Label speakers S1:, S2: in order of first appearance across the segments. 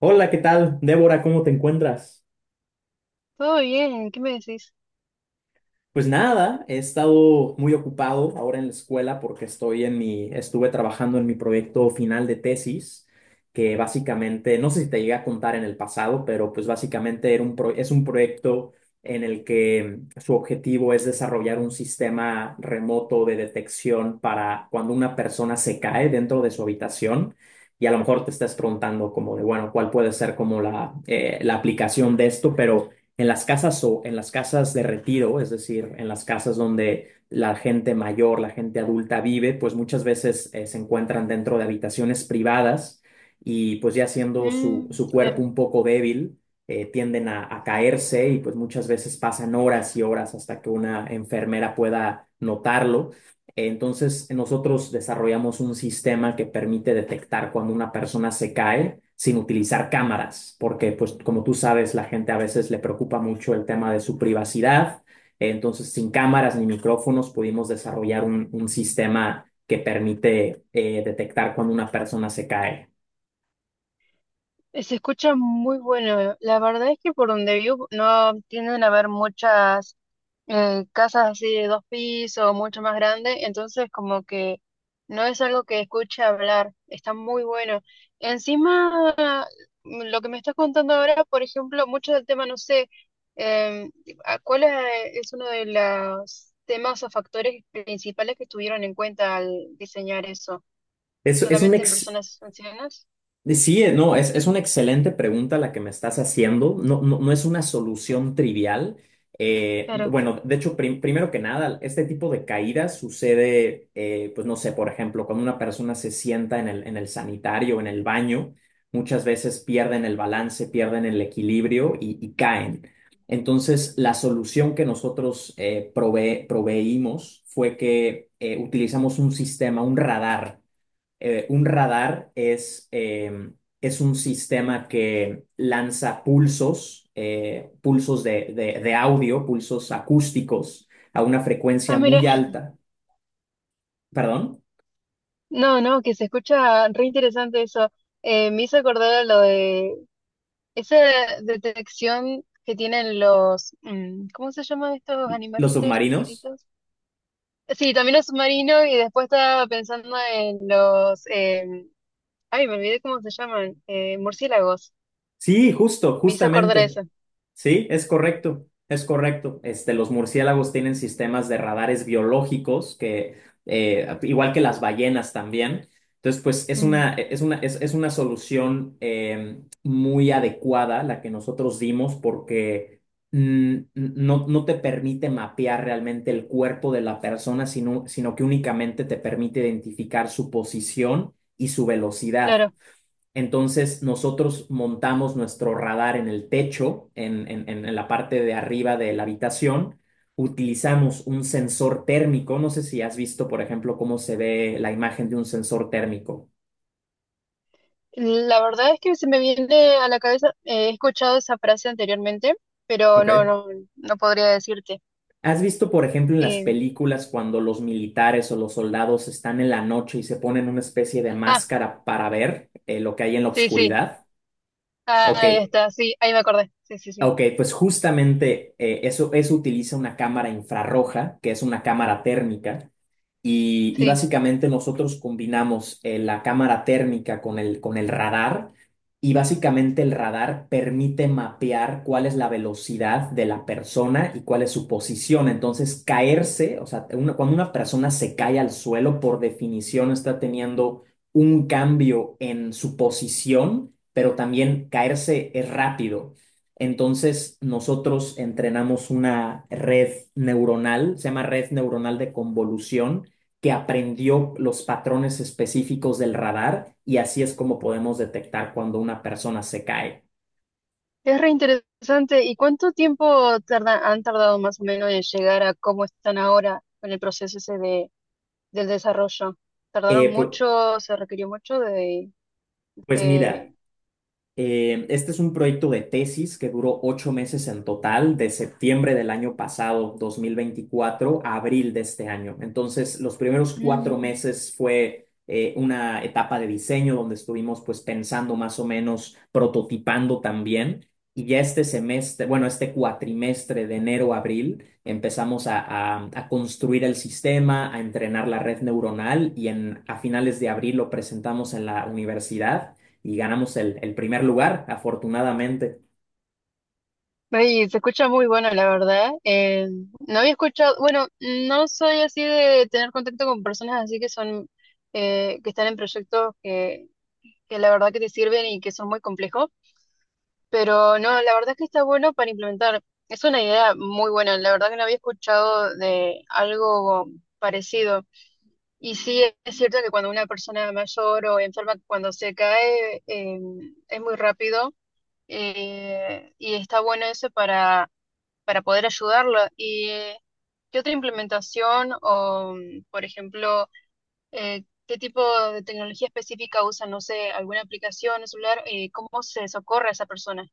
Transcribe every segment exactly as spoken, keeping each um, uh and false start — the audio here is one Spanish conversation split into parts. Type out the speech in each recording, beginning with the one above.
S1: Hola, ¿qué tal? Débora, ¿cómo te encuentras?
S2: Todo bien, ¿qué me decís?
S1: Pues nada, he estado muy ocupado ahora en la escuela porque estoy en mi, estuve trabajando en mi proyecto final de tesis, que básicamente, no sé si te llegué a contar en el pasado, pero pues básicamente era un pro- es un proyecto en el que su objetivo es desarrollar un sistema remoto de detección para cuando una persona se cae dentro de su habitación. Y a lo mejor te estás preguntando como de, bueno, ¿cuál puede ser como la, eh, la aplicación de esto? Pero en las casas o en las casas de retiro, es decir, en las casas donde la gente mayor, la gente adulta vive, pues muchas veces eh, se encuentran dentro de habitaciones privadas y pues ya siendo su,
S2: Mm,
S1: su cuerpo
S2: claro.
S1: un poco débil, eh, tienden a, a caerse y pues muchas veces pasan horas y horas hasta que una enfermera pueda notarlo. Entonces, nosotros desarrollamos un sistema que permite detectar cuando una persona se cae sin utilizar cámaras, porque pues como tú sabes, la gente a veces le preocupa mucho el tema de su privacidad. Entonces, sin cámaras ni micrófonos, pudimos desarrollar un, un sistema que permite eh, detectar cuando una persona se cae.
S2: Eh, Se escucha muy bueno. La verdad es que por donde vivo no tienden a haber muchas eh, casas así de dos pisos, mucho más grandes, entonces como que no es algo que escuche hablar. Está muy bueno. Encima, mm, lo que me estás contando ahora, por ejemplo, mucho del tema, no sé, em, ¿a ¿cuál es, eh, es uno de los temas o factores principales que tuvieron en cuenta al diseñar eso?
S1: Es, es un
S2: Solamente en
S1: ex-
S2: personas ancianas.
S1: Sí, eh, no, es, es una excelente pregunta la que me estás haciendo. No, no, no es una solución trivial. Eh,
S2: Claro.
S1: bueno, de hecho, prim- primero que nada, este tipo de caídas sucede, eh, pues no sé, por ejemplo, cuando una persona se sienta en el, en el sanitario, en el baño, muchas veces pierden el balance, pierden el equilibrio y, y caen. Entonces, la solución que nosotros eh, prove- proveímos fue que eh, utilizamos un sistema, un radar. Eh, un radar es, eh, es un sistema que lanza pulsos, eh, pulsos de, de- de audio, pulsos acústicos a una
S2: Ah,
S1: frecuencia
S2: mira.
S1: muy alta. ¿Perdón?
S2: No, no, que se escucha re interesante eso. Eh, me hizo acordar a lo de esa detección que tienen los, mm, ¿cómo se llaman estos
S1: ¿Los
S2: animalitos
S1: submarinos?
S2: chiquititos? Sí, también los submarinos y después estaba pensando en los, eh, ay, me olvidé cómo se llaman, eh, murciélagos.
S1: Sí, justo,
S2: Me hizo acordar a
S1: justamente.
S2: eso.
S1: Sí, es correcto, es correcto. Este, los murciélagos tienen sistemas de radares biológicos que, eh, igual que las ballenas también. Entonces, pues es
S2: Mm,
S1: una, es una, es, es una solución eh, muy adecuada la que nosotros dimos porque mm, no, no te permite mapear realmente el cuerpo de la persona, sino, sino que únicamente te permite identificar su posición y su velocidad.
S2: claro.
S1: Entonces nosotros montamos nuestro radar en el techo, en, en- en- la parte de arriba de la habitación. Utilizamos un sensor térmico. No sé si has visto, por ejemplo, cómo se ve la imagen de un sensor térmico.
S2: La verdad es que se me viene a la cabeza, eh, he escuchado esa frase anteriormente, pero no,
S1: ¿Okay?
S2: no, no podría decirte.
S1: ¿Has visto, por ejemplo, en las
S2: Eh,
S1: películas cuando los militares o los soldados están en la noche y se ponen una especie de
S2: ah,
S1: máscara para ver eh, lo que hay en la
S2: sí, sí,
S1: oscuridad?
S2: ah,
S1: Ok.
S2: ahí está, sí, ahí me acordé, sí, sí, sí,
S1: Ok, pues justamente eh, eso, eso utiliza una cámara infrarroja, que es una cámara térmica, y, y
S2: sí.
S1: básicamente nosotros combinamos eh, la cámara térmica con el, con el radar, y básicamente el radar permite mapear cuál es la velocidad de la persona y cuál es su posición. Entonces, caerse, o sea, una- cuando una persona se cae al suelo, por definición está teniendo un cambio en su posición, pero también caerse es rápido. Entonces, nosotros entrenamos una red neuronal, se llama red neuronal de convolución, que aprendió los patrones específicos del radar y así es como podemos detectar cuando una persona se cae.
S2: Es re interesante. ¿Y cuánto tiempo tarda- han tardado más o menos en llegar a cómo están ahora con el proceso ese de, del desarrollo? ¿Tardaron
S1: Eh, pu-
S2: mucho? ¿Se requirió mucho de,
S1: pues, mira.
S2: de-
S1: Eh, este es un proyecto de tesis que duró ocho meses en total, de septiembre del año pasado, dos mil veinticuatro, a abril de este año. Entonces, los primeros cuatro
S2: mm,
S1: meses fue eh, una etapa de diseño donde estuvimos pues pensando más o menos, prototipando también. Y ya este semestre, bueno, este cuatrimestre de enero a abril, empezamos a, a- a construir el sistema, a entrenar la red neuronal y en, a finales de abril lo presentamos en la universidad y ganamos el, el primer lugar, afortunadamente.
S2: oye, se escucha muy bueno, la verdad. Eh, no había escuchado, bueno, no soy así de tener contacto con personas así que son, eh, que están en proyectos que, que la verdad que te sirven y que son muy complejos, pero no, la verdad es que está bueno para implementar. Es una idea muy buena, la verdad que no había escuchado de algo parecido. Y sí, es cierto que cuando una persona mayor o enferma, cuando se cae, eh, es muy rápido. Eh, y está bueno eso para para poder ayudarlo. ¿Y qué otra implementación o, mm, por ejemplo, eh, qué tipo de tecnología específica usan? No sé, alguna aplicación, un celular, eh, ¿cómo se socorre a esa persona?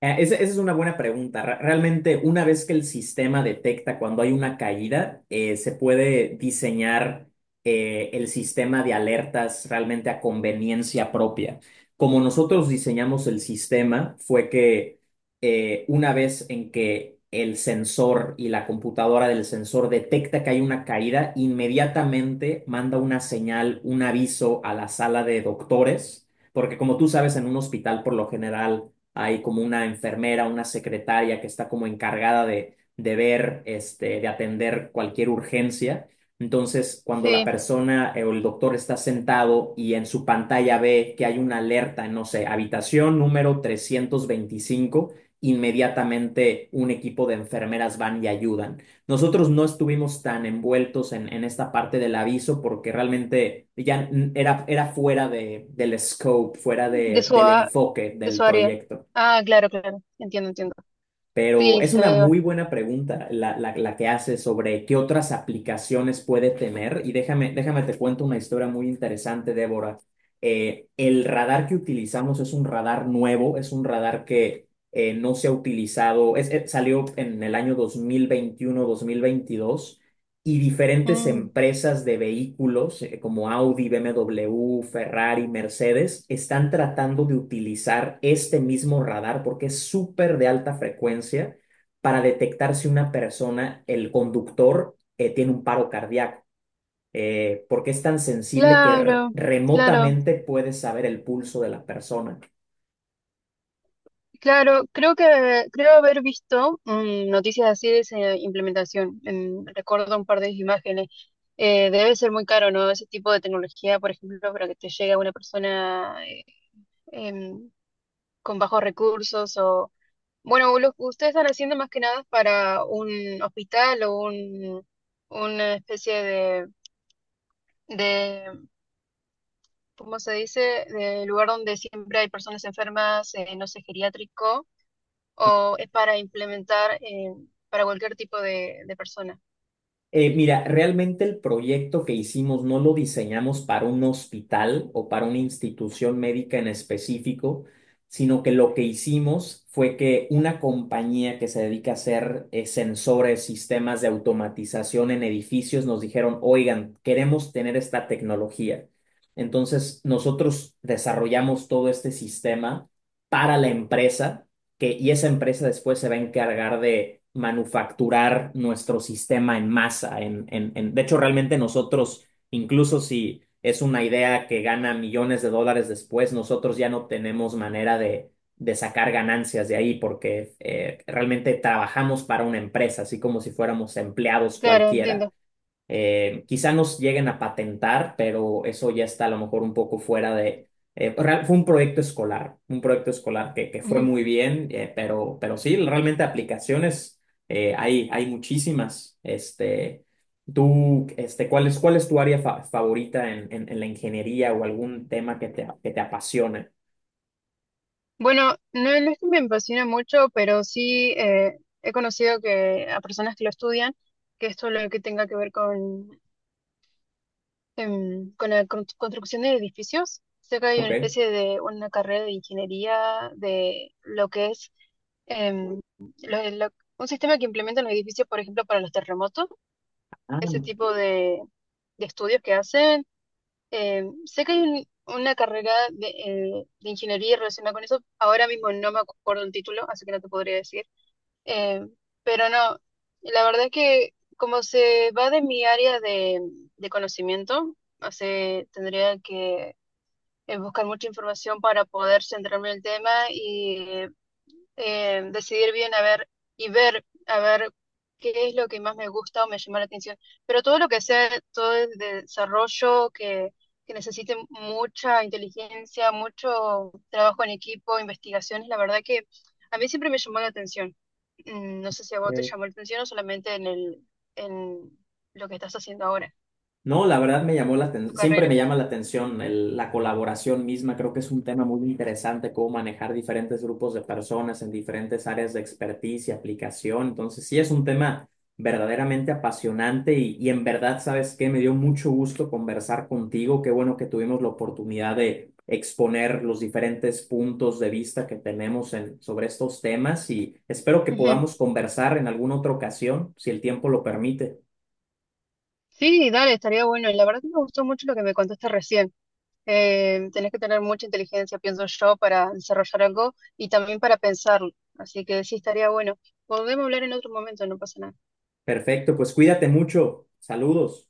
S1: Eh, Esa, esa es una buena pregunta. Re- Realmente, una vez que el sistema detecta cuando hay una caída, eh, se puede diseñar eh, el sistema de alertas realmente a conveniencia propia. Como nosotros diseñamos el sistema, fue que eh, una vez en que el sensor y la computadora del sensor detecta que hay una caída, inmediatamente manda una señal, un aviso a la sala de doctores, porque como tú sabes, en un hospital por lo general hay como una enfermera, una secretaria que está como encargada de, de ver, este, de atender cualquier urgencia. Entonces, cuando la
S2: Sí,
S1: persona eh, o el doctor está sentado y en su pantalla ve que hay una alerta, no sé, habitación número trescientos veinticinco, inmediatamente un equipo de enfermeras van y ayudan. Nosotros no estuvimos tan envueltos en, en esta parte del aviso porque realmente ya n- era, era fuera de, del scope, fuera
S2: de
S1: de,
S2: su,
S1: del
S2: a-
S1: enfoque
S2: de
S1: del
S2: su área.
S1: proyecto.
S2: Ah, claro, claro, entiendo, entiendo.
S1: Pero
S2: Sí,
S1: es
S2: se
S1: una
S2: ve
S1: muy
S2: bastante.
S1: buena pregunta la, la, la que haces sobre qué otras aplicaciones puede tener. Y déjame, déjame te cuento una historia muy interesante, Débora. Eh, el radar que utilizamos es un radar nuevo, es un radar que eh, no se ha utilizado, es, eh, salió en el año dos dos mil veintiuno mil veintidós y diferentes
S2: Mm,
S1: empresas de vehículos eh, como Audi, B M W, Ferrari, Mercedes están tratando de utilizar este mismo radar porque es súper de alta frecuencia para detectar si una persona, el conductor, eh, tiene un paro cardíaco, eh, porque es tan sensible que r-
S2: claro, claro.
S1: remotamente puedes saber el pulso de la persona.
S2: Claro, creo que creo haber visto mm, noticias así de esa implementación. Mm, recuerdo un par de imágenes. Eh, debe ser muy caro, ¿no? Ese tipo de tecnología, por ejemplo, para que te llegue a una persona eh, em, con bajos recursos o... Bueno, lo que ustedes están haciendo más que nada es para un hospital o un, una especie de, de, ¿cómo se dice? De lugar donde siempre hay personas enfermas, eh, no sé, geriátrico o es para implementar eh, para cualquier tipo de, de persona.
S1: Eh, mira, realmente el proyecto que hicimos no lo diseñamos para un hospital o para una institución médica en específico, sino que lo que hicimos fue que una compañía que se dedica a hacer eh, sensores, sistemas de automatización en edificios, nos dijeron, oigan, queremos tener esta tecnología. Entonces, nosotros desarrollamos todo este sistema para la empresa que, y esa empresa después se va a encargar de manufacturar nuestro sistema en masa. En, en, en- de hecho, realmente nosotros, incluso si es una idea que gana millones de dólares después, nosotros ya no tenemos manera de, de sacar ganancias de ahí porque eh, realmente trabajamos para una empresa, así como si fuéramos empleados
S2: Claro,
S1: cualquiera.
S2: entiendo.
S1: Eh, quizá nos lleguen a patentar, pero eso ya está a lo mejor un poco fuera de. Eh, pues, real- fue un proyecto escolar, un proyecto escolar que, que fue
S2: Ujú.
S1: muy bien, eh, pero, pero sí, realmente aplicaciones eh, hay, hay muchísimas. Este, tú, este, ¿cuál es, cuál es tu área fa- favorita en, en, en la ingeniería o algún tema que te, que te apasione?
S2: Bueno, no, no es que me apasiona mucho, pero sí eh, he conocido que a personas que lo estudian, que esto lo que tenga que ver con, em, con la constru- construcción de edificios. Sé que hay una
S1: Ok.
S2: especie de una carrera de ingeniería de lo que es em, lo- lo- un sistema que implementan los edificios, por ejemplo, para los terremotos, ese tipo de, de estudios que hacen. Eh, sé que hay un- una carrera de, eh, de ingeniería relacionada con eso. Ahora mismo no me acuerdo el título, así que no te podría decir. Eh, pero no, la verdad es que como se va de mi área de, de conocimiento, o sea, tendría que eh, buscar mucha información para poder centrarme en el tema y eh, eh, decidir bien a ver y ver a ver qué es lo que más me gusta o me llama la atención. Pero todo lo que sea, todo el desarrollo que, que necesite mucha inteligencia, mucho trabajo en equipo, investigaciones, la verdad que a mí siempre me llamó la atención. Mm, no sé si a vos te
S1: Ah,
S2: llamó la atención o solamente en el, en lo que estás haciendo ahora,
S1: no, la verdad me llamó la
S2: tu
S1: atención, siempre me
S2: carrera.
S1: llama la atención el- la colaboración misma, creo que es un tema muy interesante, cómo manejar diferentes grupos de personas en diferentes áreas de expertise y aplicación, entonces sí es un tema verdaderamente apasionante y, y en verdad, ¿sabes qué? Me dio mucho gusto conversar contigo, qué bueno que tuvimos la oportunidad de exponer los diferentes puntos de vista que tenemos en, sobre estos temas y espero que
S2: Ujú.
S1: podamos conversar en alguna otra ocasión, si el tiempo lo permite.
S2: Sí, dale, estaría bueno. La verdad que me gustó mucho lo que me contaste recién. Eh, tenés que tener mucha inteligencia, pienso yo, para desarrollar algo y también para pensarlo. Así que sí, estaría bueno. Podemos hablar en otro momento, no pasa nada.
S1: Perfecto, pues cuídate mucho. Saludos.